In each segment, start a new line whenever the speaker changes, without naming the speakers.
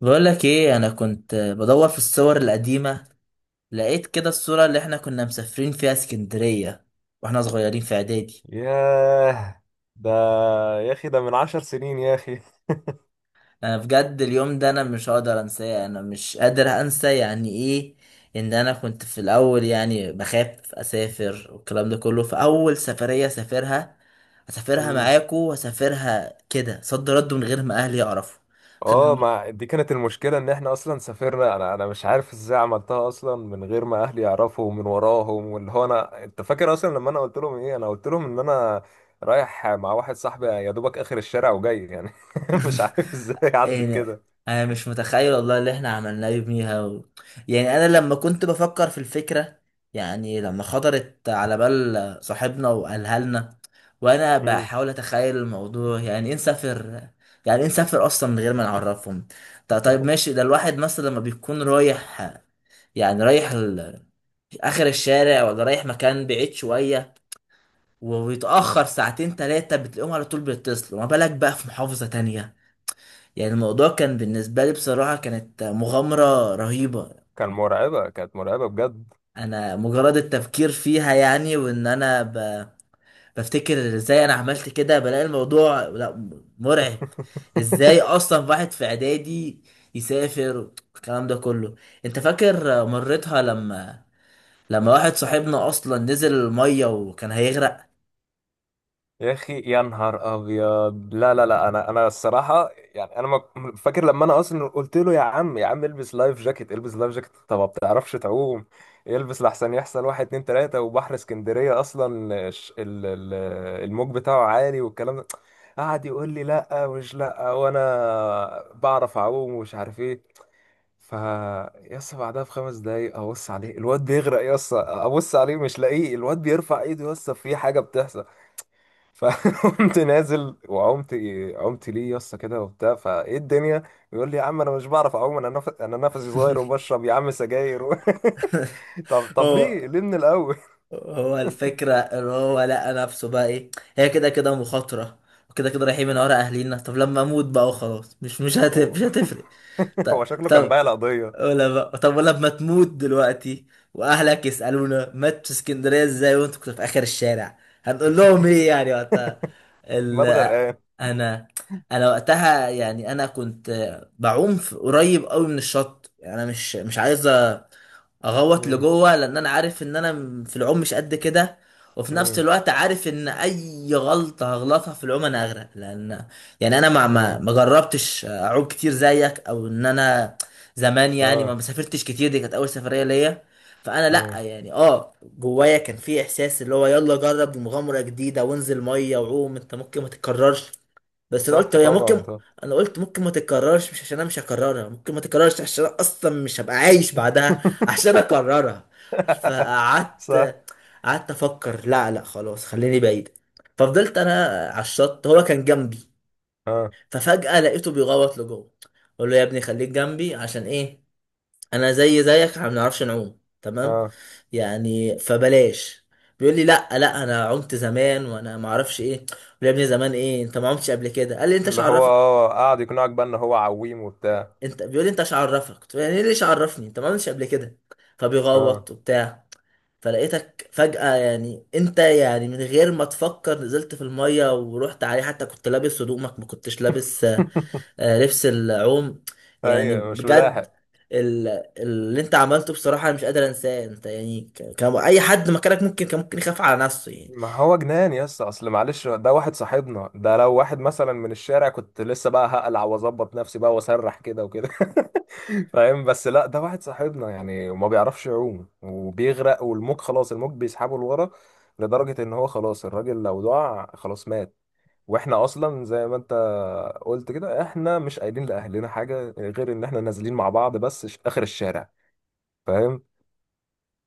بقول لك ايه؟ انا كنت بدور في الصور القديمه، لقيت كده الصوره اللي احنا كنا مسافرين فيها اسكندريه واحنا صغيرين في اعدادي.
ياه، ده يا اخي، ده من عشر سنين يا اخي.
انا بجد اليوم ده انا مش هقدر انساه، انا مش قادر انسى. يعني ايه ان انا كنت في الاول يعني بخاف اسافر والكلام ده كله، فاول سفريه سافرها اسافرها
مم.
معاكو واسافرها كده صد رد من غير ما اهلي يعرفوا.
اه،
كان،
ما دي كانت المشكلة ان احنا اصلا سافرنا. انا مش عارف ازاي عملتها اصلا من غير ما اهلي يعرفوا ومن وراهم. واللي هو انا، انت فاكر اصلا لما انا قلت لهم ايه؟ انا قلت لهم ان انا رايح مع واحد صاحبي يا دوبك اخر الشارع وجاي يعني. مش عارف ازاي عدت
يعني
كده.
انا مش متخيل والله اللي احنا عملناه يوميها يعني انا لما كنت بفكر في الفكره، يعني لما خطرت على بال صاحبنا وقالها لنا، وانا
مم.
بحاول اتخيل الموضوع، يعني ايه نسافر؟ يعني ايه نسافر اصلا من غير ما نعرفهم؟ طب طيب ماشي، ده الواحد مثلا لما بيكون رايح يعني رايح اخر الشارع، ولا رايح مكان بعيد شويه ويتاخر ساعتين ثلاثه بتلاقيهم على طول بيتصلوا، ما بالك بقى في محافظه تانية. يعني الموضوع كان بالنسبة لي بصراحة كانت مغامرة رهيبة.
كانت مرعبة بجد.
انا مجرد التفكير فيها، يعني وان انا بفتكر ازاي انا عملت كده، بلاقي الموضوع لا، مرعب. ازاي اصلا واحد في اعدادي يسافر الكلام ده كله؟ انت فاكر مرتها لما واحد صاحبنا اصلا نزل المية وكان هيغرق؟
يا اخي، يا نهار ابيض، لا لا لا، انا الصراحه. يعني انا فاكر لما انا اصلا قلت له: يا عم، يا عم البس لايف جاكيت، البس لايف جاكيت. طب ما بتعرفش تعوم، البس لحسن يحصل واحد اتنين تلاته، وبحر اسكندريه اصلا الموج بتاعه عالي والكلام ده. قعد يقول لي: لا، ومش لا، وانا بعرف اعوم، ومش عارف ايه. ف، يس، بعدها بخمس دقايق ابص عليه الواد بيغرق. يس، ابص عليه مش لاقيه، الواد بيرفع ايده. يس، في حاجه بتحصل. فقمت نازل وعمت. عمت ليه يا اسطى كده وبتاع؟ فايه الدنيا؟ بيقول لي: يا عم انا مش بعرف اعوم، انا نفسي صغير، وبشرب يا عم سجاير و... طب طب،
اه،
ليه ليه من الاول؟
هو الفكرة ان هو لقى نفسه بقى ايه، هي كده كده مخاطرة وكده كده رايحين من ورا اهلينا، طب لما اموت بقى وخلاص، مش مش هت...
هو
مش هتفرق. طب
هو شكله كان بايع
طب
القضيه.
ولا بقى، طب ولا لما تموت دلوقتي واهلك يسألونا مات في اسكندرية ازاي وانت كنت في اخر الشارع، هنقول لهم ايه يعني وقتها؟ ال...
مات غرقان.
انا انا وقتها يعني انا كنت بعوم قريب قوي من الشط، يعني انا مش عايز اغوط
مم،
لجوه، لان انا عارف ان انا في العوم مش قد كده، وفي نفس
مم،
الوقت عارف ان اي غلطه هغلطها في العوم انا اغرق، لان يعني انا ما ما
مم،
ما جربتش اعوم كتير زيك، او ان انا زمان يعني ما
اه،
مسافرتش كتير. دي كانت اول سفريه ليا، فانا لا
مم.
يعني، جوايا كان في احساس اللي هو يلا جرب مغامره جديده وانزل ميه وعوم، انت ممكن ما تتكررش. بس انا قلت
صح،
هي
طبعا
ممكن،
طبعا.
انا قلت ممكن ما تتكررش مش عشان انا مش هكررها، ممكن ما تتكررش عشان انا اصلا مش هبقى عايش بعدها عشان اكررها.
صح،
فقعدت قعدت افكر لا لا خلاص، خليني بعيد. ففضلت انا على الشط، هو كان جنبي،
اه،
ففجأة لقيته بيغوط لجوه، اقول له يا ابني خليك جنبي عشان ايه؟ انا زي زيك، احنا ما بنعرفش نعوم تمام،
اه،
يعني فبلاش. بيقول لي لا لا انا عمت زمان، وانا ما اعرفش ايه، قلت له يا ابني زمان ايه؟ انت ما عمتش قبل كده. قال لي انت ايش
اللي هو
عرفك؟
قعد يقنعك بقى ان هو عويم وبتاع.
انت بيقول لي انت مش عرفك، قلت له يعني ايه ليش عرفني؟ انت ما عملتش قبل كده.
اه.
فبيغوط وبتاع، فلقيتك فجأة يعني انت يعني من غير ما تفكر نزلت في المية ورحت عليه، حتى كنت لابس هدومك، ما كنتش لابس لبس العوم. يعني
ايوه، مش
بجد،
ملاحق.
ال- اللي انت عملته بصراحة انا مش قادر انساه. انت يعني كان اي حد مكانك كان ممكن يخاف على نفسه يعني.
ما هو جنان يا اسطى، اصل معلش ده واحد صاحبنا، ده لو واحد مثلا من الشارع كنت لسه بقى هقلع واظبط نفسي بقى واسرح كده وكده. فاهم؟ بس لا، ده واحد صاحبنا يعني، وما بيعرفش يعوم وبيغرق، والموج خلاص الموج بيسحبه لورا، لدرجة ان هو خلاص الراجل لو دعا خلاص مات. واحنا اصلا زي ما انت قلت كده، احنا مش قايلين لاهلنا حاجة غير ان احنا نازلين مع بعض بس اخر الشارع. فاهم؟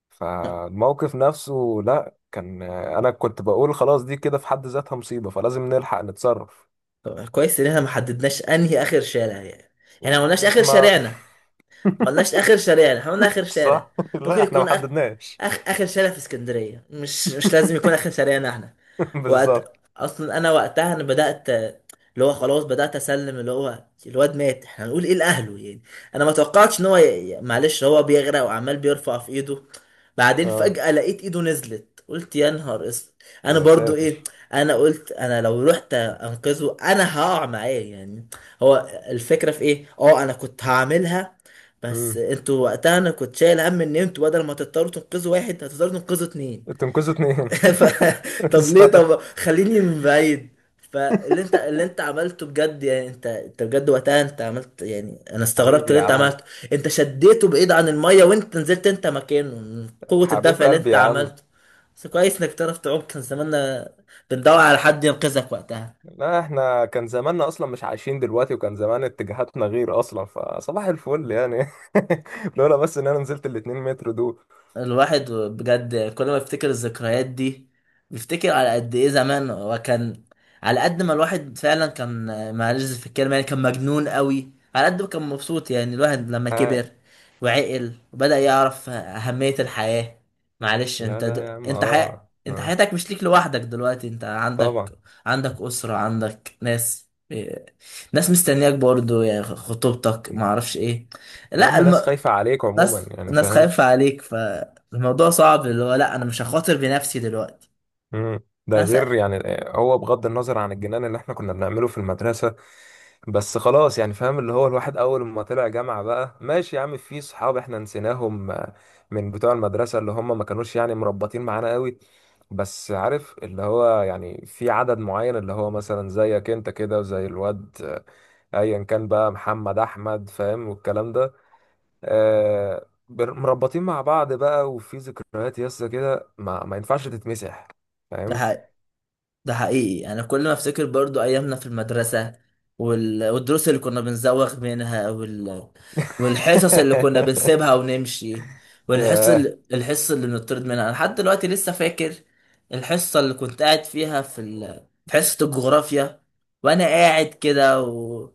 فالموقف نفسه لا، كان انا كنت بقول خلاص دي كده في حد ذاتها مصيبة، فلازم نلحق نتصرف.
طب كويس ان احنا ما حددناش انهي اخر شارع، يعني احنا ما قلناش اخر
ما.
شارعنا، ما قلناش اخر شارع، احنا قلنا اخر شارع.
صح،
ممكن
لا احنا ما
يكون
حددناش.
اخر شارع في اسكندريه، مش لازم يكون اخر شارعنا احنا. وقت
بالظبط.
اصلا انا وقتها انا بدات اللي هو خلاص، بدات اسلم اللي هو الواد مات، احنا هنقول ايه لاهله يعني؟ انا ما توقعتش ان هو معلش هو بيغرق وعمال بيرفع في ايده، بعدين
اه.
فجاه لقيت ايده نزلت قلت يا نهار اسود. انا
يا
برضو
ساتر.
ايه؟ انا قلت انا لو رحت انقذه انا هقع معاه يعني، هو الفكره في ايه. اه، انا كنت هعملها، بس
امم،
انتوا وقتها انا كنت شايل هم ان انتوا بدل ما تضطروا تنقذوا واحد هتضطروا تنقذوا اتنين.
تنقذوا اتنين.
ف... طب ليه؟
بالظبط.
طب خليني من بعيد. فاللي انت اللي انت عملته بجد، يعني انت بجد وقتها انت عملت، يعني انا استغربت
حبيبي يا
اللي انت
عم.
عملته. انت شديته بعيد عن الميه وانت نزلت انت مكانه، من قوة
حبيب
الدفع اللي
قلبي
انت
يا عم.
عملته. بس كويس انك تعرف تعوم، كان زماننا بندور على حد ينقذك وقتها.
لا، احنا كان زماننا اصلا مش عايشين دلوقتي، وكان زمان اتجاهاتنا غير اصلا. فصباح الفل يعني. لولا بس ان انا نزلت الاتنين متر دول.
الواحد بجد كل ما يفتكر الذكريات دي، بيفتكر على قد ايه زمان وكان، على قد ما الواحد فعلا كان، معلش في الكلمة يعني، كان مجنون قوي على قد ما كان مبسوط. يعني الواحد لما
آه.
كبر وعقل وبدأ يعرف أهمية الحياة، معلش
لا
انت
لا يا عم،
انت
اه،
انت
اه.
حياتك مش ليك لوحدك دلوقتي، انت
طبعا.
عندك أسرة، عندك ناس إيه، ناس مستنياك برضو، يعني خطوبتك معرفش ايه.
يا
لا
عم ناس خايفة عليك عموما
ناس
يعني،
ناس
فاهم؟
خايفة عليك، فالموضوع صعب، اللي هو لا انا مش هخاطر بنفسي دلوقتي.
مم. ده
انا س...
غير يعني، هو بغض النظر عن الجنان اللي احنا كنا بنعمله في المدرسة، بس خلاص يعني، فاهم؟ اللي هو الواحد اول ما طلع جامعة بقى ماشي يا عم، في صحاب احنا نسيناهم، آه، من بتوع المدرسة اللي هم ما كانوش يعني مربطين معانا قوي. بس عارف اللي هو يعني في عدد معين، اللي هو مثلا زيك انت كده، وزي الواد، آه، ايا كان بقى، محمد، احمد، فاهم؟ والكلام ده، آه، مربطين مع بعض بقى، وفي ذكريات يسا كده ما ينفعش تتمسح.
ده
فاهم؟
حقيقي، ده حقيقي. انا كل ما افتكر برضو ايامنا في المدرسة والدروس اللي كنا بنزوغ منها والحصص اللي كنا بنسيبها ونمشي، والحصة
ياه،
اللي... الحصة اللي بنطرد منها انا لحد دلوقتي لسه فاكر. الحصة اللي كنت قاعد فيها في حصة الجغرافيا، وانا قاعد كده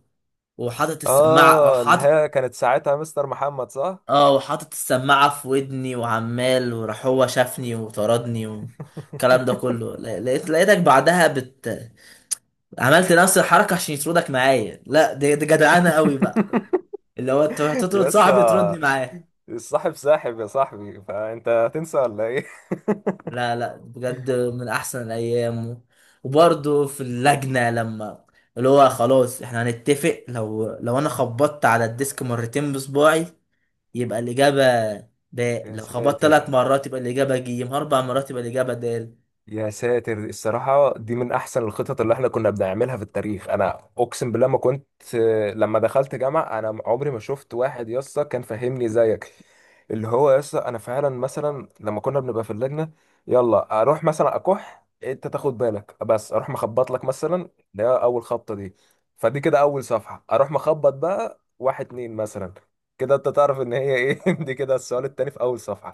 وحاطط السماعة،
اه، اللي
وحاطط
هي كانت ساعتها مستر محمد، صح؟
اه وحاطط السماعة في ودني وعمال، وراح هو شافني وطردني والكلام ده كله. لقيتك بعدها عملت نفس الحركة عشان يطردك معايا. لا دي جدعانة قوي بقى، اللي هو انت هتطرد صاحبي تردني
يسا
معاه.
الصاحب ساحب يا صاحبي، فانت هتنسى ولا ايه؟
لا لا بجد من احسن الايام وبرضه في اللجنة، لما اللي هو خلاص احنا هنتفق، لو انا خبطت على الديسك مرتين بصباعي يبقى الإجابة باء،
يا
لو خبطت ثلاث
ساتر،
مرات يبقى الإجابة جيم، 4 مرات يبقى الإجابة د.
يا ساتر، الصراحة دي من أحسن الخطط اللي احنا كنا بنعملها في التاريخ. أنا أقسم بالله ما كنت لما دخلت جامعة أنا عمري ما شفت واحد يسطا كان فاهمني زيك. اللي هو يسطا أنا فعلا مثلا لما كنا بنبقى في اللجنة يلا أروح مثلا أكح، أنت تاخد بالك بس، أروح مخبط لك مثلا، ده أول خبطة دي، فدي كده أول صفحة. أروح مخبط بقى واحد اتنين مثلا، كده أنت تعرف إن هي إيه. دي كده السؤال التاني في أول صفحة.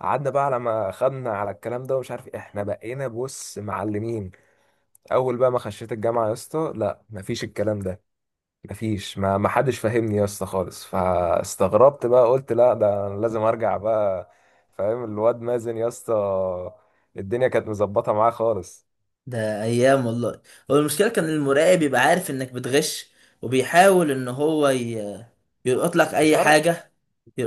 قعدنا بقى على ما خدنا على الكلام ده، ومش عارف إيه. احنا بقينا بص معلمين. اول بقى ما خشيت الجامعه يا اسطى، لا، مفيش الكلام ده. مفيش، ما حدش فاهمني يا اسطى خالص. فاستغربت بقى، قلت: لا، ده أنا لازم ارجع بقى. فاهم الواد مازن يا اسطى؟ الدنيا كانت مظبطه معاه خالص.
ده ايام والله. هو المشكله كان المراقب يبقى عارف انك بتغش، وبيحاول ان هو يلقط لك
مش
اي
عارف
حاجه،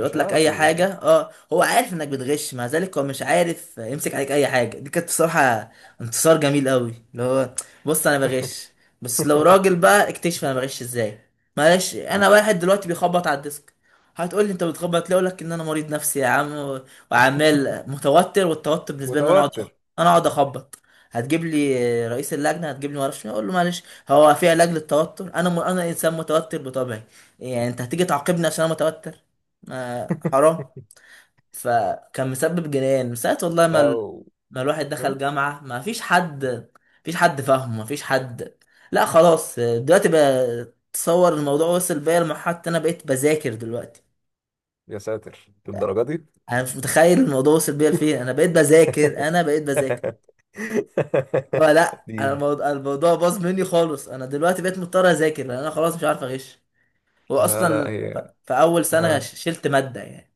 مش
لك
عارف
اي حاجه.
يثبت
اه، هو عارف انك بتغش مع ذلك هو مش عارف يمسك عليك اي حاجه. دي كانت بصراحه انتصار جميل قوي، اللي هو بص انا بغش، بس لو
لي.
راجل بقى اكتشف انا بغش ازاي. معلش انا واحد دلوقتي بيخبط على الديسك، هتقول لي انت بتخبط ليه؟ اقول لك ان انا مريض نفسي يا عم وعمال متوتر، والتوتر بالنسبه لي ان انا اقعد
متوتر.
انا اقعد اخبط. هتجيب لي رئيس اللجنه، هتجيب لي ما اعرفش مين، اقول له معلش، هو في علاج للتوتر؟ انا انسان متوتر بطبعي. يعني انت هتيجي تعاقبني عشان انا متوتر؟ ما حرام. فكان مسبب جنان من ساعة والله ما
لو.
ما الواحد
هم؟
دخل جامعة، ما فيش حد، ما فيش حد فاهمه، ما فيش حد. لا خلاص دلوقتي بقى، تصور الموضوع وصل بيا لمرحلة انا بقيت بذاكر دلوقتي.
يا ساتر للدرجه دي.
انا مش متخيل الموضوع وصل بيا لفين، انا بقيت بذاكر، انا بقيت بذاكر. لا لا انا
اديني.
الموضوع باظ مني خالص. انا دلوقتي بقيت مضطر اذاكر لان انا خلاص مش عارف اغش،
لا
واصلا
لا هي.
في اول سنة
ها.
شلت مادة يعني.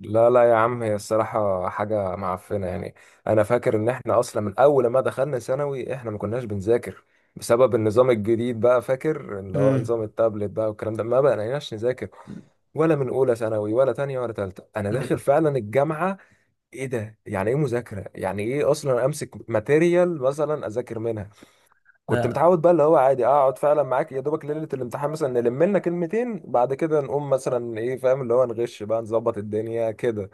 لا لا يا عم، هي الصراحة حاجة معفنة يعني. أنا فاكر إن إحنا أصلا من أول ما دخلنا ثانوي إحنا ما كناش بنذاكر، بسبب النظام الجديد بقى. فاكر اللي هو نظام التابلت بقى والكلام ده، ما بقيناش نذاكر ولا من أولى ثانوي، ولا تانية، ولا تالتة. أنا
امم
داخل فعلا الجامعة، إيه ده؟ يعني إيه مذاكرة؟ يعني إيه أصلا أمسك ماتيريال مثلا أذاكر منها؟ كنت
لا،
متعود بقى اللي هو عادي اقعد فعلا معاك يا دوبك ليله الامتحان مثلا، نلم لنا كلمتين، بعد كده نقوم مثلا ايه، فاهم؟ اللي هو نغش بقى، نظبط الدنيا كده.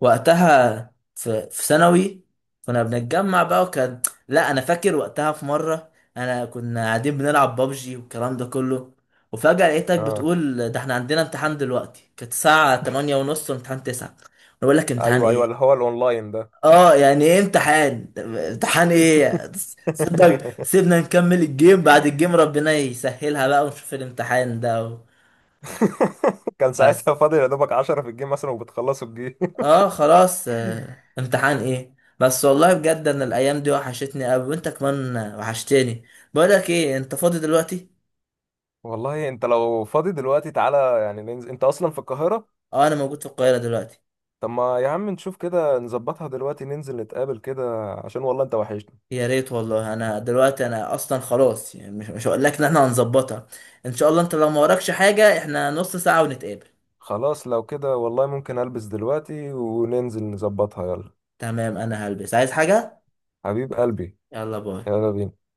وقتها في ثانوي كنا بنتجمع بقى وكان، لا انا فاكر وقتها في مره كنا قاعدين بنلعب بابجي والكلام ده كله، وفجاه لقيتك
اه،
بتقول ده احنا عندنا امتحان دلوقتي. كانت الساعه 8 ونص وامتحان 9. انا بقول لك امتحان
ايوه ايوه، اللي
ايه؟
هو الاونلاين ده.
اه يعني ايه امتحان ايه؟ صدق سيبنا نكمل الجيم، بعد الجيم ربنا يسهلها بقى ونشوف الامتحان ده.
كان
بس
ساعتها فاضل يا دوبك 10 في الجيم مثلا وبتخلصوا الجيم.
اه خلاص، امتحان ايه بس، والله بجد انا الايام دي وحشتني قوي، وانت كمان وحشتني. بقولك ايه، انت فاضي دلوقتي؟
والله انت لو فاضي دلوقتي تعالى، يعني ننزل. انت اصلا في القاهره؟
اه، انا موجود في القاهرة دلوقتي.
طب ما يا عم نشوف كده نظبطها دلوقتي، ننزل نتقابل كده، عشان والله انت وحشني.
يا ريت والله، انا دلوقتي انا اصلا خلاص يعني مش هقول لك ان احنا هنظبطها، ان شاء الله انت لو ما وراكش حاجة احنا نص ساعة ونتقابل.
خلاص، لو كده والله ممكن البس دلوقتي وننزل نظبطها. يلا
تمام، انا هلبس، عايز حاجة؟
حبيب قلبي،
يلا باي.
يلا بينا.